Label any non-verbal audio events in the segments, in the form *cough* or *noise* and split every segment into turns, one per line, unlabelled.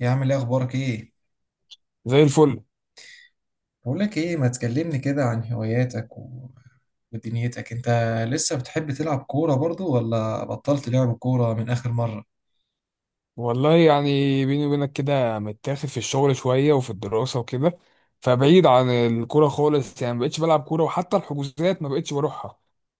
يا عم، ايه اخبارك؟ ايه،
زي الفل.
بقول لك ايه، ما تكلمني كده عن هواياتك ودنيتك انت؟ لسه بتحب تلعب كورة برضو، ولا بطلت لعب كورة من اخر مرة؟
والله يعني بيني وبينك كده متاخد في الشغل شوية وفي الدراسة وكده، فبعيد عن الكورة خالص. يعني ما بقتش بلعب كورة وحتى الحجوزات ما بقتش بروحها.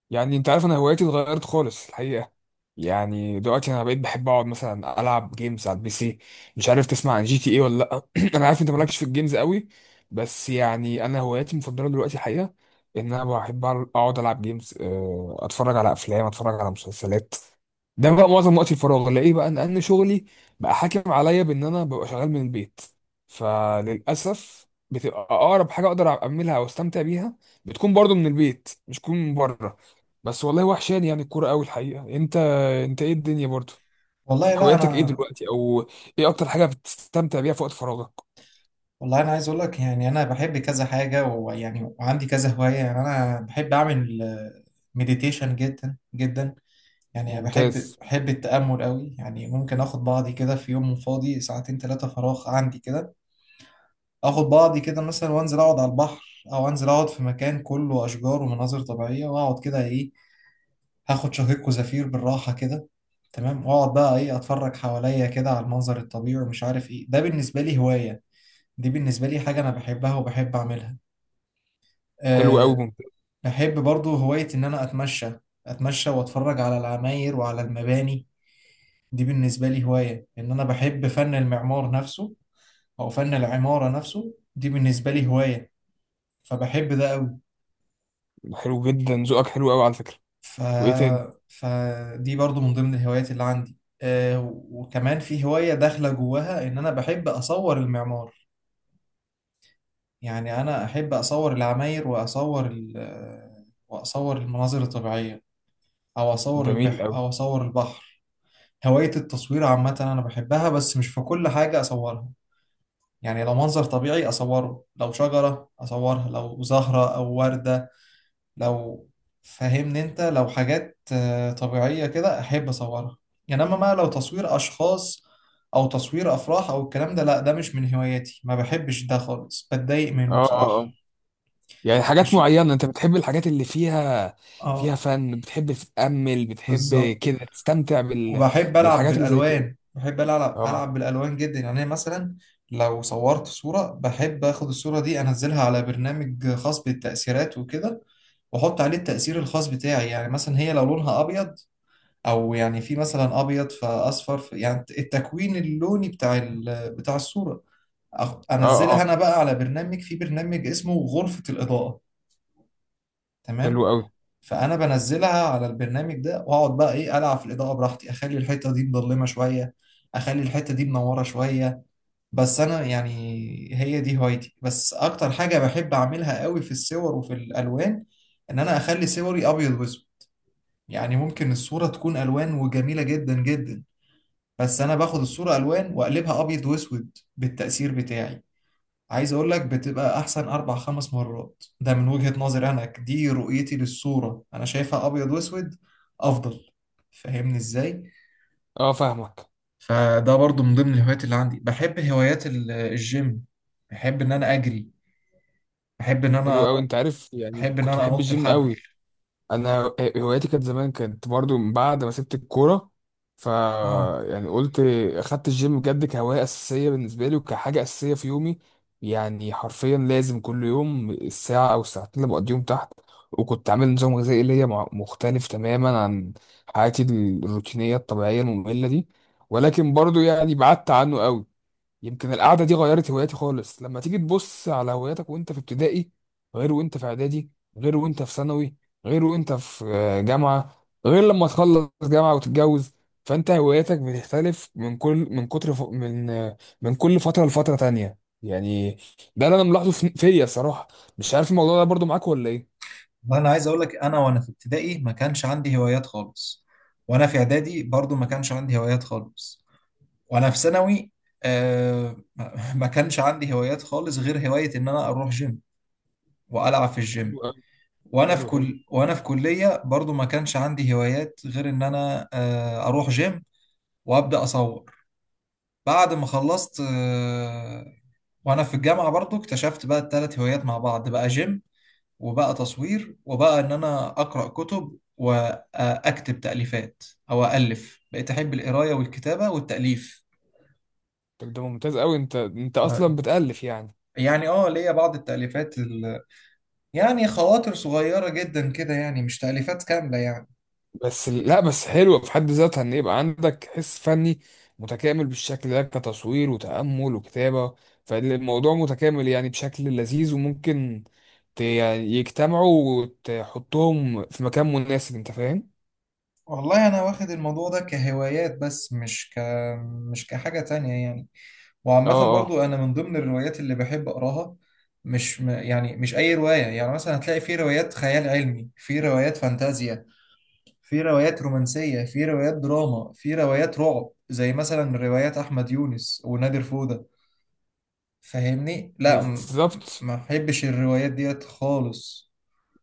يعني انت عارف انا هواياتي اتغيرت خالص الحقيقة. يعني دلوقتي انا بقيت بحب اقعد مثلا العب جيمز على البي سي. مش عارف تسمع عن جي تي ايه ولا لا؟ *clears throat* انا عارف انت مالكش في الجيمز قوي. بس يعني انا هواياتي المفضلة دلوقتي الحقيقة ان انا بحب اقعد العب جيمز، اتفرج على افلام، اتفرج على مسلسلات. ده بقى معظم وقت الفراغ الاقيه، بقى ان شغلي بقى حاكم عليا بان انا ببقى شغال من البيت. فللاسف بتبقى اقرب حاجه اقدر اعملها او استمتع بيها بتكون برضو من البيت مش تكون من بره. بس والله وحشاني يعني الكوره قوي الحقيقه. انت ايه الدنيا برضو؟
والله لا
هواياتك ايه
انا.
دلوقتي، او ايه اكتر حاجه بتستمتع بيها في وقت فراغك؟
والله انا عايز اقول لك، يعني انا بحب كذا حاجه، ويعني وعندي كذا هوايه، يعني انا بحب اعمل مديتيشن جدا جدا. يعني بحب
ممتاز.
بحب التامل قوي، يعني ممكن اخد بعضي كده في يوم فاضي ساعتين ثلاثه فراغ عندي كده. اخد بعضي كده مثلا وانزل اقعد على البحر، او انزل اقعد في مكان كله اشجار ومناظر طبيعيه، واقعد كده ايه، هاخد شهيق وزفير بالراحه كده. تمام، واقعد بقى ايه اتفرج حواليا كده على المنظر الطبيعي ومش عارف ايه. ده بالنسبه لي هوايه، دي بالنسبه لي حاجه انا بحبها وبحب اعملها.
حلو قوي،
أه.
ممتاز.
بحب برضو هوايه ان انا اتمشى واتفرج على العماير وعلى المباني. دي بالنسبه لي هوايه، ان انا بحب فن المعمار نفسه، او فن العماره نفسه. دي بالنسبه لي هوايه، فبحب ده.
حلو جدا، ذوقك حلو قوي على فكره.
ف...
وايه تاني؟
فدي برضو من ضمن الهوايات اللي عندي. وكمان في هواية داخلة جواها، إن أنا بحب أصور المعمار. يعني أنا أحب أصور العماير وأصور ال... آه، وأصور المناظر الطبيعية، أو أصور
جميل
البحر
قوي.
أو أصور البحر. هواية التصوير عامة أنا بحبها، بس مش في كل حاجة أصورها. يعني لو منظر طبيعي أصوره، لو شجرة أصورها، لو زهرة أو وردة، لو فاهمني انت، لو حاجات طبيعية كده احب اصورها. انما بقى لو تصوير اشخاص او تصوير افراح او الكلام ده، لا، ده مش من هواياتي، ما بحبش ده خالص، بتضايق منه
اه اه.
بصراحة.
يعني حاجات
ماشي.
معينة انت بتحب الحاجات اللي فيها، فيها
اه،
فن، بتحب تتأمل، بتحب
بالظبط.
كده تستمتع
وبحب العب
بالحاجات اللي زي كده.
بالالوان، بحب العب
اه.
العب بالالوان جدا. يعني أنا مثلا لو صورت صورة، بحب اخد الصورة دي انزلها على برنامج خاص بالتأثيرات وكده، واحط عليه التأثير الخاص بتاعي. يعني مثلا هي لو لونها ابيض، او يعني في مثلا ابيض فاصفر، يعني التكوين اللوني بتاع بتاع الصوره.
اه
انزلها انا
اه.
بقى على برنامج، في برنامج اسمه غرفه الاضاءه.
حلو
تمام.
قوي.
فانا بنزلها على البرنامج ده، واقعد بقى ايه العب في الاضاءه براحتي، اخلي الحته دي مظلمه شويه، اخلي الحته دي منوره شويه. بس انا يعني هي دي هوايتي. بس اكتر حاجه بحب اعملها قوي في الصور وفي الالوان، ان انا اخلي صوري ابيض واسود. يعني ممكن الصوره تكون الوان وجميله جدا جدا، بس انا باخد الصورة الوان واقلبها ابيض واسود بالتأثير بتاعي. عايز اقول لك، بتبقى احسن اربع خمس مرات. ده من وجهة نظري انا، دي رؤيتي للصورة، انا شايفها ابيض واسود افضل. فاهمني ازاي؟
اه، فاهمك.
فده برضو من ضمن الهوايات اللي عندي. بحب هوايات الجيم، بحب ان انا اجري، بحب ان
حلو قوي،
انا
انت عارف يعني
بحب ان
كنت
انا
بحب
انط
الجيم
الحبل.
قوي. انا هوايتي كانت زمان، كانت برضو من بعد ما سبت الكوره. ف
اه،
يعني قلت اخدت الجيم بجد كهوايه اساسيه بالنسبه لي وكحاجه اساسيه في يومي. يعني حرفيا لازم كل يوم الساعه او الساعتين اللي بقضيهم تحت. وكنت عامل نظام غذائي ليا مختلف تماما عن حياتي الروتينيه الطبيعيه الممله دي. ولكن برضو يعني بعدت عنه قوي. يمكن القعدة دي غيرت هواياتي خالص. لما تيجي تبص على هواياتك وانت في ابتدائي، غير وانت في اعدادي، غير وانت في ثانوي، غير وانت في جامعة، غير لما تخلص جامعة وتتجوز. فانت هواياتك بتختلف من كل من كتر ف... من آه، من كل فترة لفترة تانية يعني. ده اللي انا ملاحظه فيا الصراحة. مش عارف الموضوع ده برضو معاك ولا ايه؟
وانا عايز اقول لك، انا وانا في ابتدائي ما كانش عندي هوايات خالص، وانا في اعدادي برضو ما كانش عندي هوايات خالص، وانا في ثانوي ما كانش عندي هوايات خالص غير هواية ان انا اروح جيم والعب في الجيم.
حلو قوي.
وانا في
حلو، حلو.
كل وانا في كلية برضو ما كانش عندي هوايات غير ان انا اروح جيم وابدا اصور. بعد ما خلصت، وانا في الجامعة برضو اكتشفت بقى الثلاث هوايات مع بعض، بقى جيم، وبقى تصوير، وبقى ان انا اقرأ كتب واكتب تأليفات، او الف. بقيت احب القراية والكتابة والتأليف.
طب ده ممتاز قوي. انت اصلا بتألف يعني؟
يعني اه، ليا بعض التأليفات. يعني خواطر صغيرة جدا كده، يعني مش تأليفات كاملة يعني.
بس لا بس حلوة في حد ذاتها ان يبقى عندك حس فني متكامل بالشكل ده، كتصوير وتأمل وكتابة. فالموضوع متكامل يعني بشكل لذيذ، وممكن يعني يجتمعوا وتحطهم في مكان مناسب. انت فاهم؟
والله أنا واخد الموضوع ده كهوايات، بس مش كحاجة تانية يعني.
اه
وعامة
اه.
برضو، أنا من ضمن الروايات اللي بحب أقراها، مش م... يعني مش أي رواية. يعني مثلا هتلاقي في روايات خيال علمي، في روايات فانتازيا، في روايات رومانسية، في روايات دراما، في روايات رعب، زي مثلا روايات أحمد يونس ونادر فودة. فاهمني، لا،
بالظبط.
ما بحبش الروايات ديت خالص.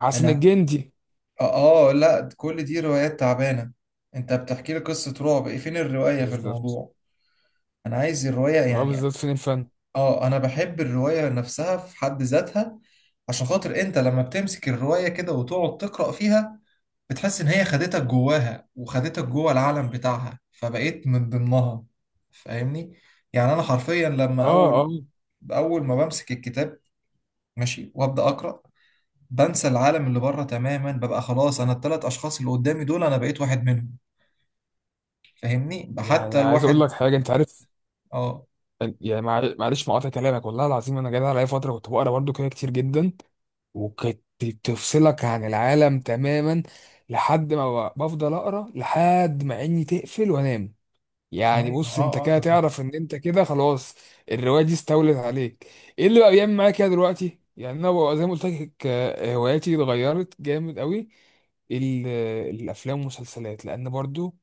حسن
انا
الجندي.
لا، كل دي روايات تعبانه. انت بتحكي لي قصه رعب، ايه فين الروايه في
بالظبط.
الموضوع؟ انا عايز الروايه
اه،
يعني.
بالظبط، فين الفن؟
اه، انا بحب الروايه نفسها في حد ذاتها، عشان خاطر انت لما بتمسك الروايه كده وتقعد تقرا فيها، بتحس ان هي خدتك جواها وخدتك جوه العالم بتاعها فبقيت من ضمنها. فاهمني. يعني انا حرفيا لما
اه
اول،
اه.
اول ما بمسك الكتاب ماشي وابدا اقرا، بنسى العالم اللي بره تماما، ببقى خلاص انا الثلاث اشخاص اللي قدامي دول انا بقيت واحد منهم. فاهمني. حتى
يعني عايز اقول
الواحد.
لك حاجة، انت عارف،
اه،
يعني معلش مقاطع كلامك. والله العظيم انا جاي عليا فترة كنت بقرا برضو كده كتير جدا، وكانت تفصلك عن العالم تماما. لحد ما بفضل اقرا لحد ما عيني تقفل وانام. يعني
ايوه،
بص انت
اه، اه.
كده
ده
تعرف ان انت كده خلاص الروايه دي استولت عليك. ايه اللي بقى بيعمل معايا كده دلوقتي؟ يعني انا بقى زي ما قلت لك، هواياتي اتغيرت جامد قوي. ال- الافلام والمسلسلات، لان برضو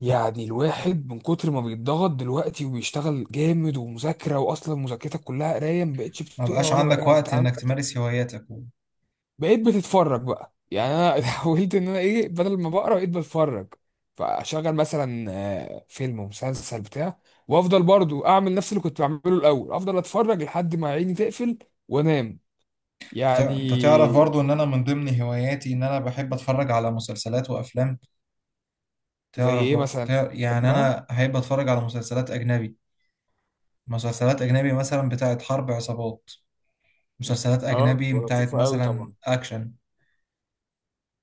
يعني الواحد من كتر ما بيتضغط دلوقتي وبيشتغل جامد ومذاكره، واصلا مذاكرتك كلها قرايه، ما بقتش
ما
بتقرا
بقاش
ولا
عندك
بقى.
وقت انك تمارس هواياتك
بقيت بتتفرج بقى. يعني انا *laughs*
آه.
حاولت ان انا ايه، بدل ما بقرا بقيت بتفرج. فاشغل مثلا فيلم ومسلسل بتاع. وافضل برضو اعمل نفس اللي كنت بعمله الاول، افضل اتفرج لحد ما عيني تقفل وانام يعني.
انت تعرف برضو ان انا من ضمن هواياتي ان انا بحب اتفرج على مسلسلات وافلام.
زي
تعرف
ايه مثلا
يعني
بحبها؟
انا احب اتفرج على مسلسلات اجنبي. مسلسلات اجنبي مثلا بتاعت حرب عصابات، مسلسلات
اه،
اجنبي
بتبقى
بتاعت
لطيفة قوي
مثلا
طبعا.
اكشن.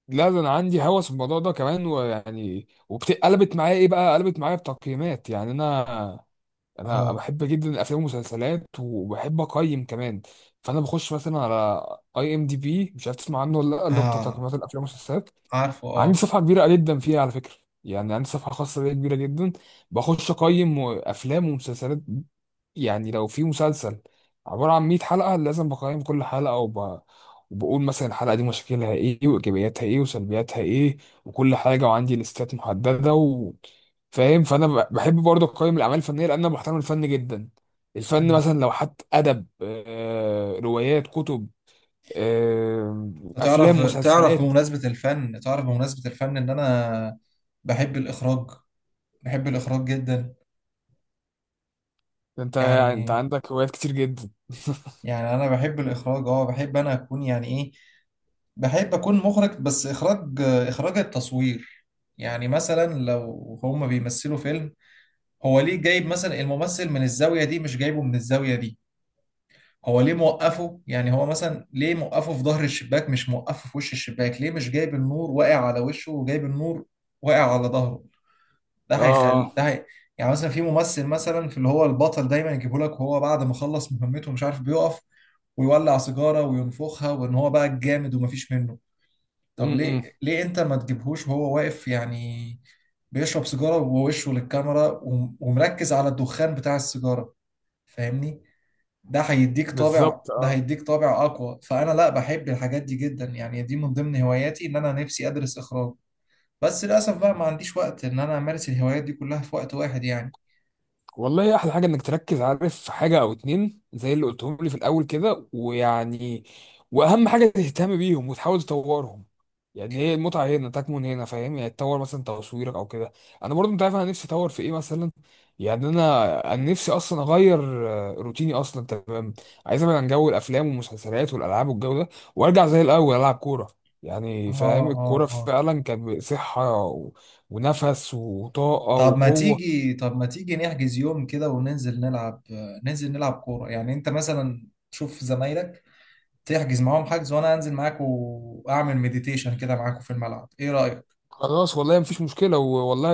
لا ده انا عندي هوس الموضوع ده كمان. ويعني وقلبت معايا ايه بقى، قلبت معايا بتقييمات. يعني انا
اه،
بحب جدا الافلام والمسلسلات، وبحب اقيم كمان. فانا بخش مثلا على اي ام دي بي، مش عارف تسمع عنه ولا لا؟ اللي هو بتاع
آه،
تقييمات الافلام والمسلسلات.
عارفه،
عندي
اه.
صفحة كبيرة جدا فيها على فكرة. يعني عندي صفحة خاصة بيا كبيرة جدا، بخش أقيم أفلام ومسلسلات. يعني لو في مسلسل عبارة عن 100 حلقة، لازم بقيم كل حلقة وبقول مثلا الحلقة دي مشاكلها إيه وإيجابياتها إيه وسلبياتها إيه وكل حاجة. وعندي ليستات محددة فاهم. فأنا بحب برضه أقيم الأعمال الفنية، لأن أنا بحترم الفن جدا. الفن، مثلا لو حتى أدب، روايات، كتب، آه،
تعرف
أفلام،
تعرف
مسلسلات.
بمناسبة الفن تعرف بمناسبة الفن، إن أنا بحب الإخراج، بحب الإخراج جدا.
ده انت
يعني
عندك هوايات كتير جدا *laughs*
يعني أنا بحب الإخراج. أه، بحب أنا أكون يعني إيه، بحب أكون مخرج، بس إخراج، إخراج التصوير. يعني مثلا لو هما بيمثلوا فيلم، هو ليه جايب مثلا الممثل من الزاوية دي مش جايبه من الزاوية دي؟ هو ليه موقفه، يعني هو مثلا ليه موقفه في ظهر الشباك مش موقفه في وش الشباك؟ ليه مش جايب النور واقع على وشه وجايب النور واقع على ظهره؟ ده
اه
هيخل ده
اه.
هي... يعني مثلا في ممثل مثلا، في اللي هو البطل دايما يجيبه لك وهو بعد ما خلص مهمته مش عارف، بيقف ويولع سيجارة وينفخها، وان هو بقى الجامد ومفيش منه.
م-
طب ليه؟
م.
ليه انت ما تجيبهوش وهو واقف يعني بيشرب سيجارة ووشه للكاميرا ومركز على الدخان بتاع السيجارة؟ فاهمني. ده هيديك طابع،
بالظبط.
ده
اه.
هيديك طابع اقوى. فانا لا، بحب الحاجات دي جدا، يعني دي من ضمن هواياتي ان انا نفسي ادرس اخراج، بس للاسف بقى ما عنديش وقت ان انا امارس الهوايات دي كلها في وقت واحد يعني.
والله احلى حاجه انك تركز، عارف، في حاجه او اتنين زي اللي قلتهم لي في الاول كده. ويعني واهم حاجه تهتم بيهم وتحاول تطورهم. يعني هي المتعه هنا تكمن هنا، فاهم؟ يعني تطور مثلا تصويرك او كده. انا برضو انت عارف انا نفسي اطور في ايه مثلا. يعني انا نفسي اصلا اغير روتيني اصلا. تمام. عايز ابعد عن جو الافلام والمسلسلات والالعاب والجو ده، وارجع زي الاول العب كوره.
اه،
يعني فاهم الكوره
اه، اه.
فعلا كانت صحه ونفس وطاقه
طب ما
وقوه.
تيجي طب ما تيجي نحجز يوم كده وننزل نلعب، ننزل نلعب كورة. يعني انت مثلا تشوف زمايلك، تحجز معاهم حجز، وانا انزل معاك واعمل مديتيشن كده معاكوا في الملعب، ايه رأيك؟
خلاص والله مفيش مشكلة والله.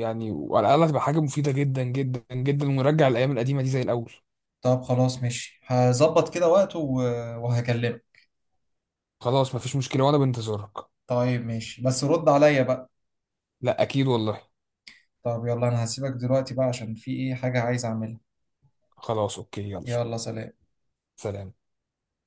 يعني وعلى الأقل هتبقى حاجة مفيدة جدا جدا جدا، ونرجع الأيام القديمة دي زي الأول.
طب خلاص ماشي، هظبط كده وقت وهكلمك.
خلاص مفيش مشكلة وأنا بنتظرك.
طيب ماشي، بس رد عليا بقى.
لا أكيد والله.
طب يلا، انا هسيبك دلوقتي بقى عشان في ايه حاجة عايز اعملها.
خلاص أوكي، يلا
يلا سلام.
سلام.